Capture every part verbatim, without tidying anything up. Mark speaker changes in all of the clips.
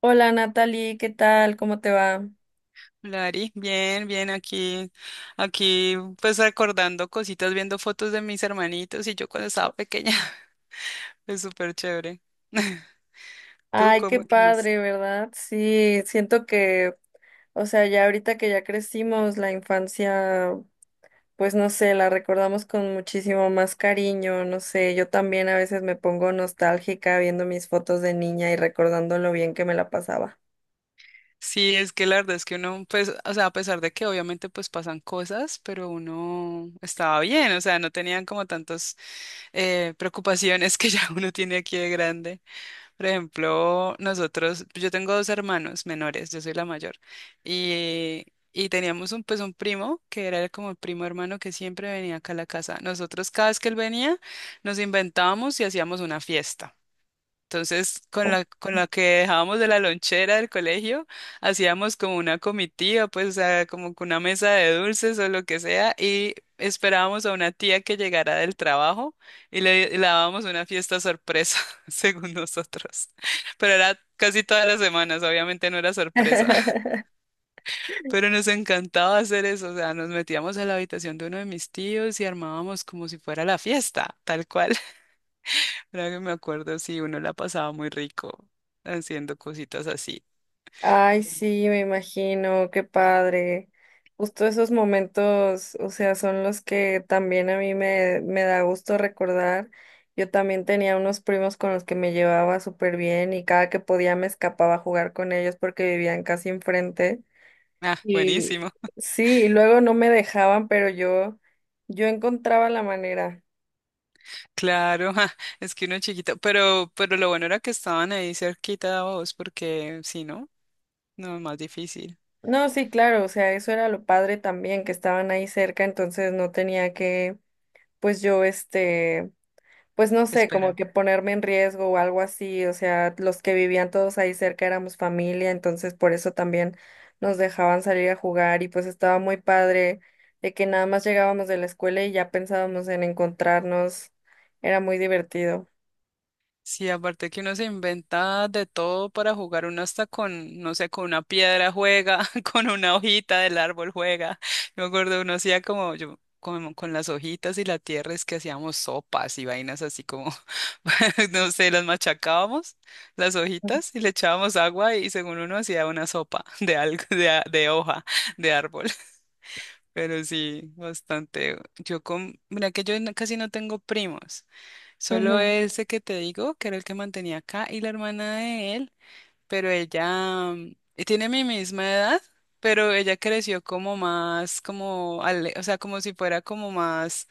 Speaker 1: Hola Natalie, ¿qué tal? ¿Cómo te va?
Speaker 2: Lari, bien, bien, aquí, aquí, pues recordando cositas, viendo fotos de mis hermanitos y yo cuando estaba pequeña, es súper chévere. ¿Tú
Speaker 1: Ay, qué
Speaker 2: cómo, qué más?
Speaker 1: padre, ¿verdad? Sí, siento que, o sea, ya ahorita que ya crecimos, la infancia, pues no sé, la recordamos con muchísimo más cariño, no sé, yo también a veces me pongo nostálgica viendo mis fotos de niña y recordando lo bien que me la pasaba.
Speaker 2: Sí, es que la verdad es que uno, pues, o sea, a pesar de que obviamente pues pasan cosas, pero uno estaba bien, o sea, no tenían como tantas eh, preocupaciones que ya uno tiene aquí de grande. Por ejemplo, nosotros, pues, yo tengo dos hermanos menores, yo soy la mayor, y, y teníamos un, pues un primo que era como el primo hermano que siempre venía acá a la casa. Nosotros cada vez que él venía, nos inventábamos y hacíamos una fiesta. Entonces, con la, con la que dejábamos de la lonchera del colegio, hacíamos como una comitiva, pues, o sea, como que una mesa de dulces o lo que sea, y esperábamos a una tía que llegara del trabajo y le, y le dábamos una fiesta sorpresa, según nosotros. Pero era casi todas las semanas, obviamente no era sorpresa, pero nos encantaba hacer eso, o sea, nos metíamos a la habitación de uno de mis tíos y armábamos como si fuera la fiesta, tal cual. Ahora que me acuerdo, sí, uno la pasaba muy rico haciendo cositas así.
Speaker 1: Ay, sí, me imagino, qué padre. Justo esos momentos, o sea, son los que también a mí me, me da gusto recordar. Yo también tenía unos primos con los que me llevaba súper bien y cada que podía me escapaba a jugar con ellos porque vivían casi enfrente.
Speaker 2: Ah,
Speaker 1: Y
Speaker 2: buenísimo.
Speaker 1: sí, y luego no me dejaban, pero yo, yo encontraba la manera.
Speaker 2: Claro, ah, es que uno chiquito, pero, pero lo bueno era que estaban ahí cerquita de vos, porque si no, no es más difícil.
Speaker 1: No, sí, claro, o sea, eso era lo padre también, que estaban ahí cerca, entonces no tenía que, pues yo, este, pues no sé, como
Speaker 2: Espera.
Speaker 1: que ponerme en riesgo o algo así, o sea, los que vivían todos ahí cerca éramos familia, entonces por eso también nos dejaban salir a jugar y pues estaba muy padre de que nada más llegábamos de la escuela y ya pensábamos en encontrarnos, era muy divertido.
Speaker 2: Sí, aparte que uno se inventa de todo para jugar, uno hasta con, no sé, con una piedra juega, con una hojita del árbol juega. Yo me acuerdo, uno hacía como yo, como con las hojitas y la tierra es que hacíamos sopas y vainas así como, no sé, las machacábamos, las hojitas, y le echábamos agua y según uno hacía una sopa de algo, de, a- de hoja, de árbol. Pero sí, bastante. Yo con, mira que yo no- casi no tengo primos, solo
Speaker 1: Ujú.
Speaker 2: ese que te digo, que era el que mantenía acá, y la hermana de él, pero ella mm, y tiene mi misma edad, pero ella creció como más, como, ale- o sea, como si fuera como más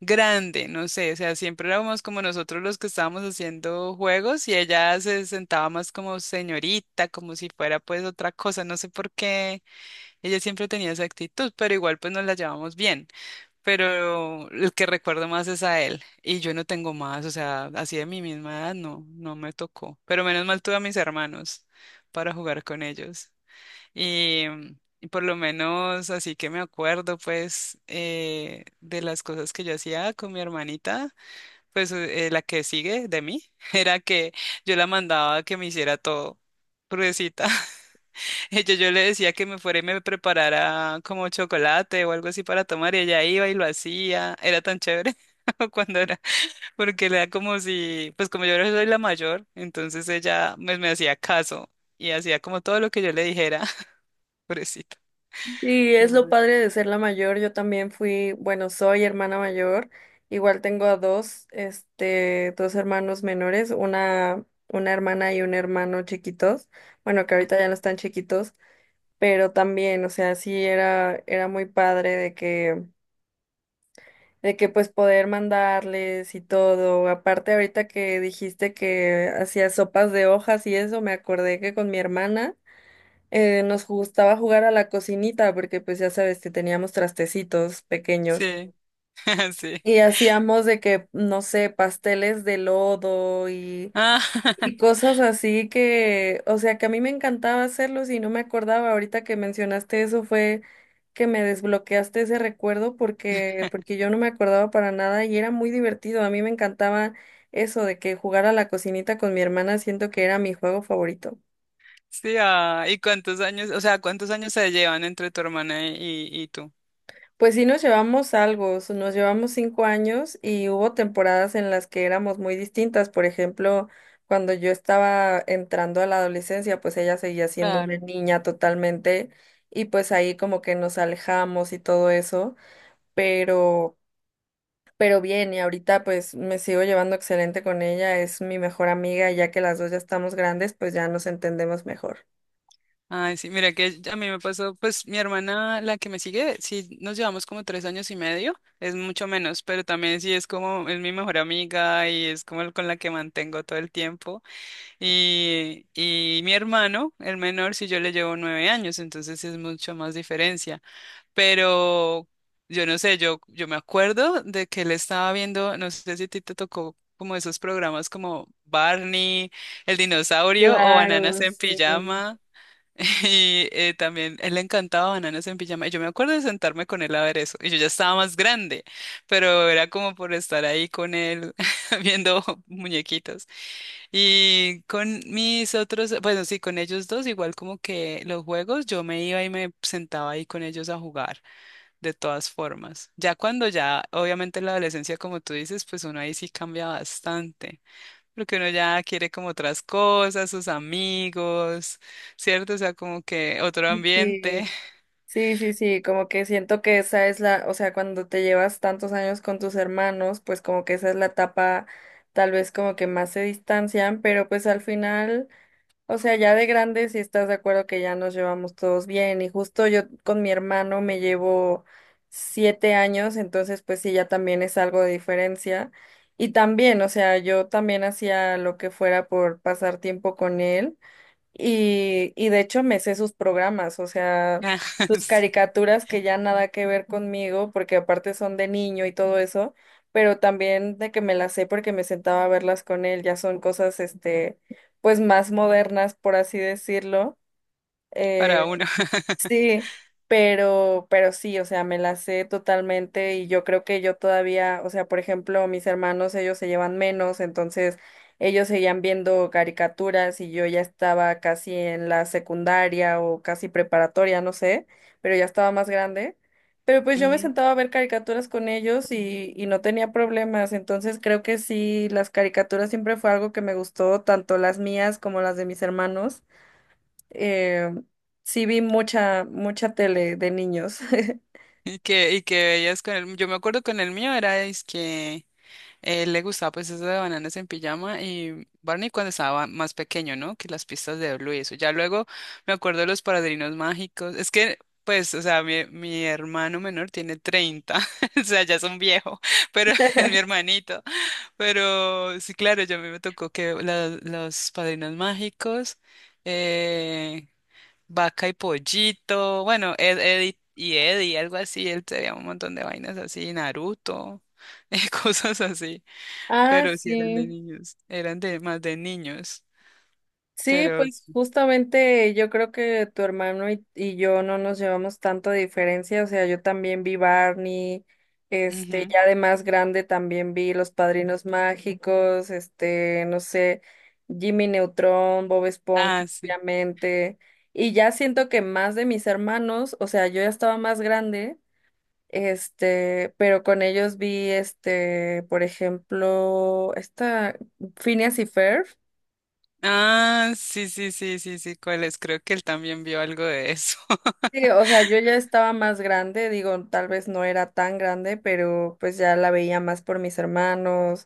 Speaker 2: grande, no sé, o sea, siempre éramos como nosotros los que estábamos haciendo juegos y ella se sentaba más como señorita, como si fuera pues otra cosa, no sé por qué. Ella siempre tenía esa actitud, pero igual pues nos la llevamos bien. Pero el que recuerdo más es a él. Y yo no tengo más, o sea, así de mi misma edad no, no me tocó. Pero menos mal tuve a mis hermanos para jugar con ellos. Y, mm, y por lo menos así que me acuerdo pues eh, de las cosas que yo hacía con mi hermanita, pues eh, la que sigue de mí, era que yo la mandaba a que me hiciera todo, pruebecita. Yo, yo le decía que me fuera y me preparara como chocolate o algo así para tomar y ella iba y lo hacía. Era tan chévere cuando era, porque era como si, pues como yo soy la mayor, entonces ella me, me hacía caso y hacía como todo lo que yo le dijera. Pobrecito.
Speaker 1: Y es
Speaker 2: Pero
Speaker 1: lo
Speaker 2: bueno.
Speaker 1: padre de ser la mayor, yo también fui, bueno, soy hermana mayor, igual tengo a dos, este, dos hermanos menores, una, una hermana y un hermano chiquitos, bueno, que ahorita ya no están chiquitos, pero también, o sea, sí era, era muy padre de que, de que pues poder mandarles y todo. Aparte, ahorita que dijiste que hacías sopas de hojas y eso, me acordé que con mi hermana eh, nos gustaba jugar a la cocinita, porque pues ya sabes que teníamos trastecitos pequeños.
Speaker 2: Sí, sí.
Speaker 1: Y hacíamos de que, no sé, pasteles de lodo. y
Speaker 2: Ah,
Speaker 1: Y cosas así que, o sea, que a mí me encantaba hacerlos y no me acordaba. Ahorita que mencionaste eso fue que me desbloqueaste ese recuerdo porque porque yo no me acordaba para nada y era muy divertido. A mí me encantaba eso de que jugar a la cocinita con mi hermana, siento que era mi juego favorito.
Speaker 2: sí, ah, ¿y cuántos años, o sea, cuántos años se llevan entre tu hermana y, y tú?
Speaker 1: Pues sí nos llevamos algo, s- nos llevamos cinco años y hubo temporadas en las que éramos muy distintas. Por ejemplo, cuando yo estaba entrando a la adolescencia, pues ella seguía siendo una niña totalmente y pues ahí como que nos alejamos y todo eso, pero, pero bien, y ahorita pues me sigo llevando excelente con ella, es mi mejor amiga y ya que las dos ya estamos grandes, pues ya nos entendemos mejor.
Speaker 2: Ay, sí, mira que a mí me pasó, pues mi hermana, la que me sigue, sí nos llevamos como tres años y medio, es mucho menos, pero también sí es como, es mi mejor amiga y es como el con la que mantengo todo el tiempo. Y, y mi hermano, el menor, sí yo le llevo nueve años, entonces es mucho más diferencia. Pero yo no sé, yo, yo me acuerdo de que él estaba viendo, no sé si a ti te tocó como esos programas como Barney, el dinosaurio o Bananas
Speaker 1: Claro,
Speaker 2: en
Speaker 1: sí.
Speaker 2: Pijama. Y eh, también él le encantaba Bananas en Pijama. Y yo me acuerdo de sentarme con él a ver eso. Y yo ya estaba más grande, pero era como por estar ahí con él viendo muñequitos. Y con mis otros, bueno, sí, con ellos dos, igual como que los juegos, yo me iba y me sentaba ahí con ellos a jugar, de todas formas. Ya cuando ya, obviamente en la adolescencia, como tú dices, pues uno ahí sí cambia bastante. Porque uno ya quiere como otras cosas, sus amigos, ¿cierto? O sea, como que otro
Speaker 1: Sí.
Speaker 2: ambiente.
Speaker 1: Sí, sí, sí, como que siento que esa es la, o sea, cuando te llevas tantos años con tus hermanos, pues como que esa es la etapa, tal vez como que más se distancian, pero pues al final, o sea, ya de grandes sí estás de acuerdo que ya nos llevamos todos bien y justo yo con mi hermano me llevo siete años, entonces pues sí, ya también es algo de diferencia. Y también, o sea, yo también hacía lo que fuera por pasar tiempo con él. Y, y de hecho me sé sus programas, o sea,
Speaker 2: Ah,
Speaker 1: sus
Speaker 2: sí,
Speaker 1: caricaturas que ya nada que ver conmigo, porque aparte son de niño y todo eso, pero también de que me las sé porque me sentaba a verlas con él, ya son cosas, este, pues más modernas, por así decirlo.
Speaker 2: para
Speaker 1: eh,
Speaker 2: uno.
Speaker 1: Sí, pero, pero sí, o sea, me la sé totalmente y yo creo que yo todavía, o sea, por ejemplo, mis hermanos, ellos se llevan menos, entonces ellos seguían viendo caricaturas y yo ya estaba casi en la secundaria o casi preparatoria, no sé, pero ya estaba más grande. Pero pues yo me
Speaker 2: Ujú.
Speaker 1: sentaba a ver caricaturas con ellos y, y no tenía problemas, entonces creo que sí, las caricaturas siempre fue algo que me gustó, tanto las mías como las de mis hermanos. Eh, sí vi mucha, mucha tele de niños.
Speaker 2: Y que, y que veías con el, yo me acuerdo con el mío era es que él le gustaba pues eso de Bananas en Pijama y Barney cuando estaba más pequeño, ¿no? Que las pistas de Blue y eso. Ya luego me acuerdo de Los Padrinos Mágicos. Es que, pues, o sea, mi, mi hermano menor tiene treinta, o sea, ya es un viejo, pero es mi hermanito. Pero sí, claro, ya a mí me tocó que la- Los Padrinos Mágicos, eh, Vaca y Pollito, bueno, Ed, Ed y y Eddie, algo así, él tenía un montón de vainas así, Naruto, cosas así,
Speaker 1: Ah,
Speaker 2: pero sí eran de
Speaker 1: sí.
Speaker 2: niños, eran de más de niños,
Speaker 1: Sí,
Speaker 2: pero
Speaker 1: pues justamente yo creo que tu hermano y, y yo no nos llevamos tanto de diferencia. O sea, yo también vi Barney, este,
Speaker 2: ujú.
Speaker 1: ya de más grande también vi Los Padrinos Mágicos, este, no sé, Jimmy Neutron, Bob Esponja,
Speaker 2: Ah, sí.
Speaker 1: obviamente. Y ya siento que más de mis hermanos, o sea, yo ya estaba más grande. Este, pero con ellos vi, este, por ejemplo, esta Phineas y Ferb.
Speaker 2: Ah, sí, sí, sí, sí, sí, ¿cuál es? Creo que él también vio algo de eso.
Speaker 1: Sí, o sea, yo ya estaba más grande, digo, tal vez no era tan grande, pero pues ya la veía más por mis hermanos,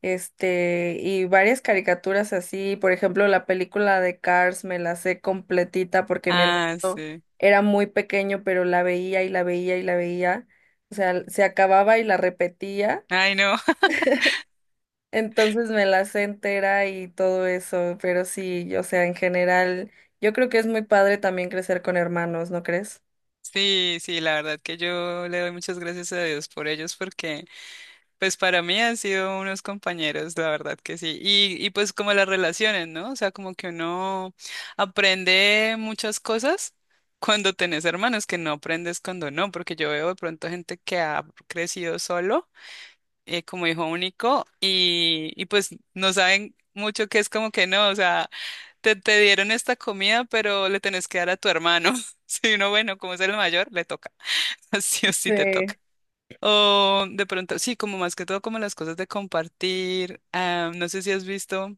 Speaker 1: este, y varias caricaturas así, por ejemplo, la película de Cars me la sé completita porque mi
Speaker 2: Ah,
Speaker 1: hermano
Speaker 2: sí.
Speaker 1: era muy pequeño, pero la veía y la veía y la veía, o sea, se acababa y la repetía.
Speaker 2: Ay, no.
Speaker 1: Entonces me la sé entera y todo eso, pero sí, o sea, en general, yo creo que es muy padre también crecer con hermanos, ¿no crees?
Speaker 2: Sí, sí, la verdad que yo le doy muchas gracias a Dios por ellos porque pues para mí han sido unos compañeros, la verdad que sí. Y, y pues como las relaciones, ¿no? O sea, como que uno aprende muchas cosas cuando tenés hermanos que no aprendes cuando no, porque yo veo de pronto gente que ha crecido solo, eh, como hijo único, y, y pues no saben mucho que es como que no, o sea, te, te dieron esta comida, pero le tenés que dar a tu hermano. Si uno, bueno, como es el mayor, le toca. Sí o sí te toca.
Speaker 1: Sí,
Speaker 2: O de pronto, sí, como más que todo como las cosas de compartir. Ah, no sé si has visto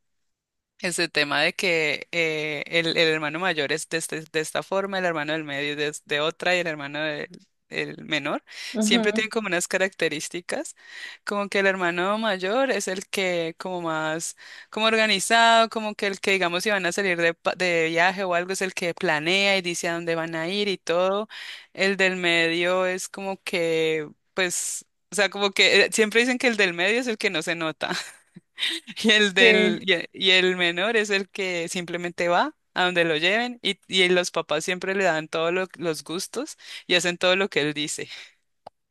Speaker 2: ese tema de que eh, el, el hermano mayor es de, este- de esta forma, el hermano del medio de, de otra y el hermano del el menor, siempre
Speaker 1: ujú.
Speaker 2: tienen como unas características, como que el hermano mayor es el que como más, como organizado, como que el que digamos si van a salir de, pa- de viaje o algo es el que planea y dice a dónde van a ir y todo, el del medio es como que pues... O sea, como que eh, siempre dicen que el del medio es el que no se nota. Y el del,
Speaker 1: Sí,
Speaker 2: y e- y el menor es el que simplemente va a donde lo lleven y, y los papás siempre le dan todos los gustos y hacen todo lo que él dice.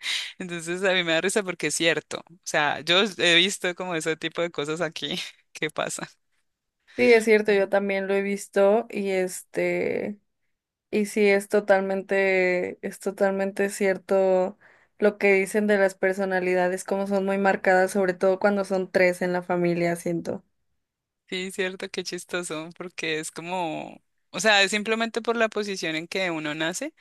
Speaker 2: Entonces a mí me da risa porque es cierto. O sea, yo he visto como ese tipo de cosas aquí que pasa.
Speaker 1: sí, es cierto, yo también lo he visto y este, y sí, es totalmente, es totalmente cierto lo que dicen de las personalidades, como son muy marcadas, sobre todo cuando son tres en la familia, siento.
Speaker 2: Sí, cierto, qué chistoso, porque es como, o sea, es simplemente por la posición en que uno nace.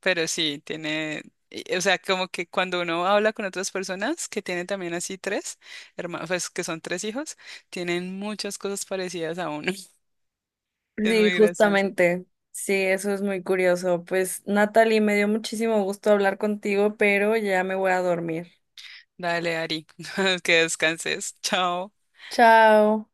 Speaker 2: Pero sí, tiene, y- o sea, como que cuando uno habla con otras personas que tienen también así tres hermanos, pues que son tres hijos, tienen muchas cosas parecidas a uno. Es
Speaker 1: Sí,
Speaker 2: muy gracioso.
Speaker 1: justamente. Sí, eso es muy curioso. Pues, Natalie, me dio muchísimo gusto hablar contigo, pero ya me voy a dormir.
Speaker 2: Dale, Ari, que descanses. Chao.
Speaker 1: Chao.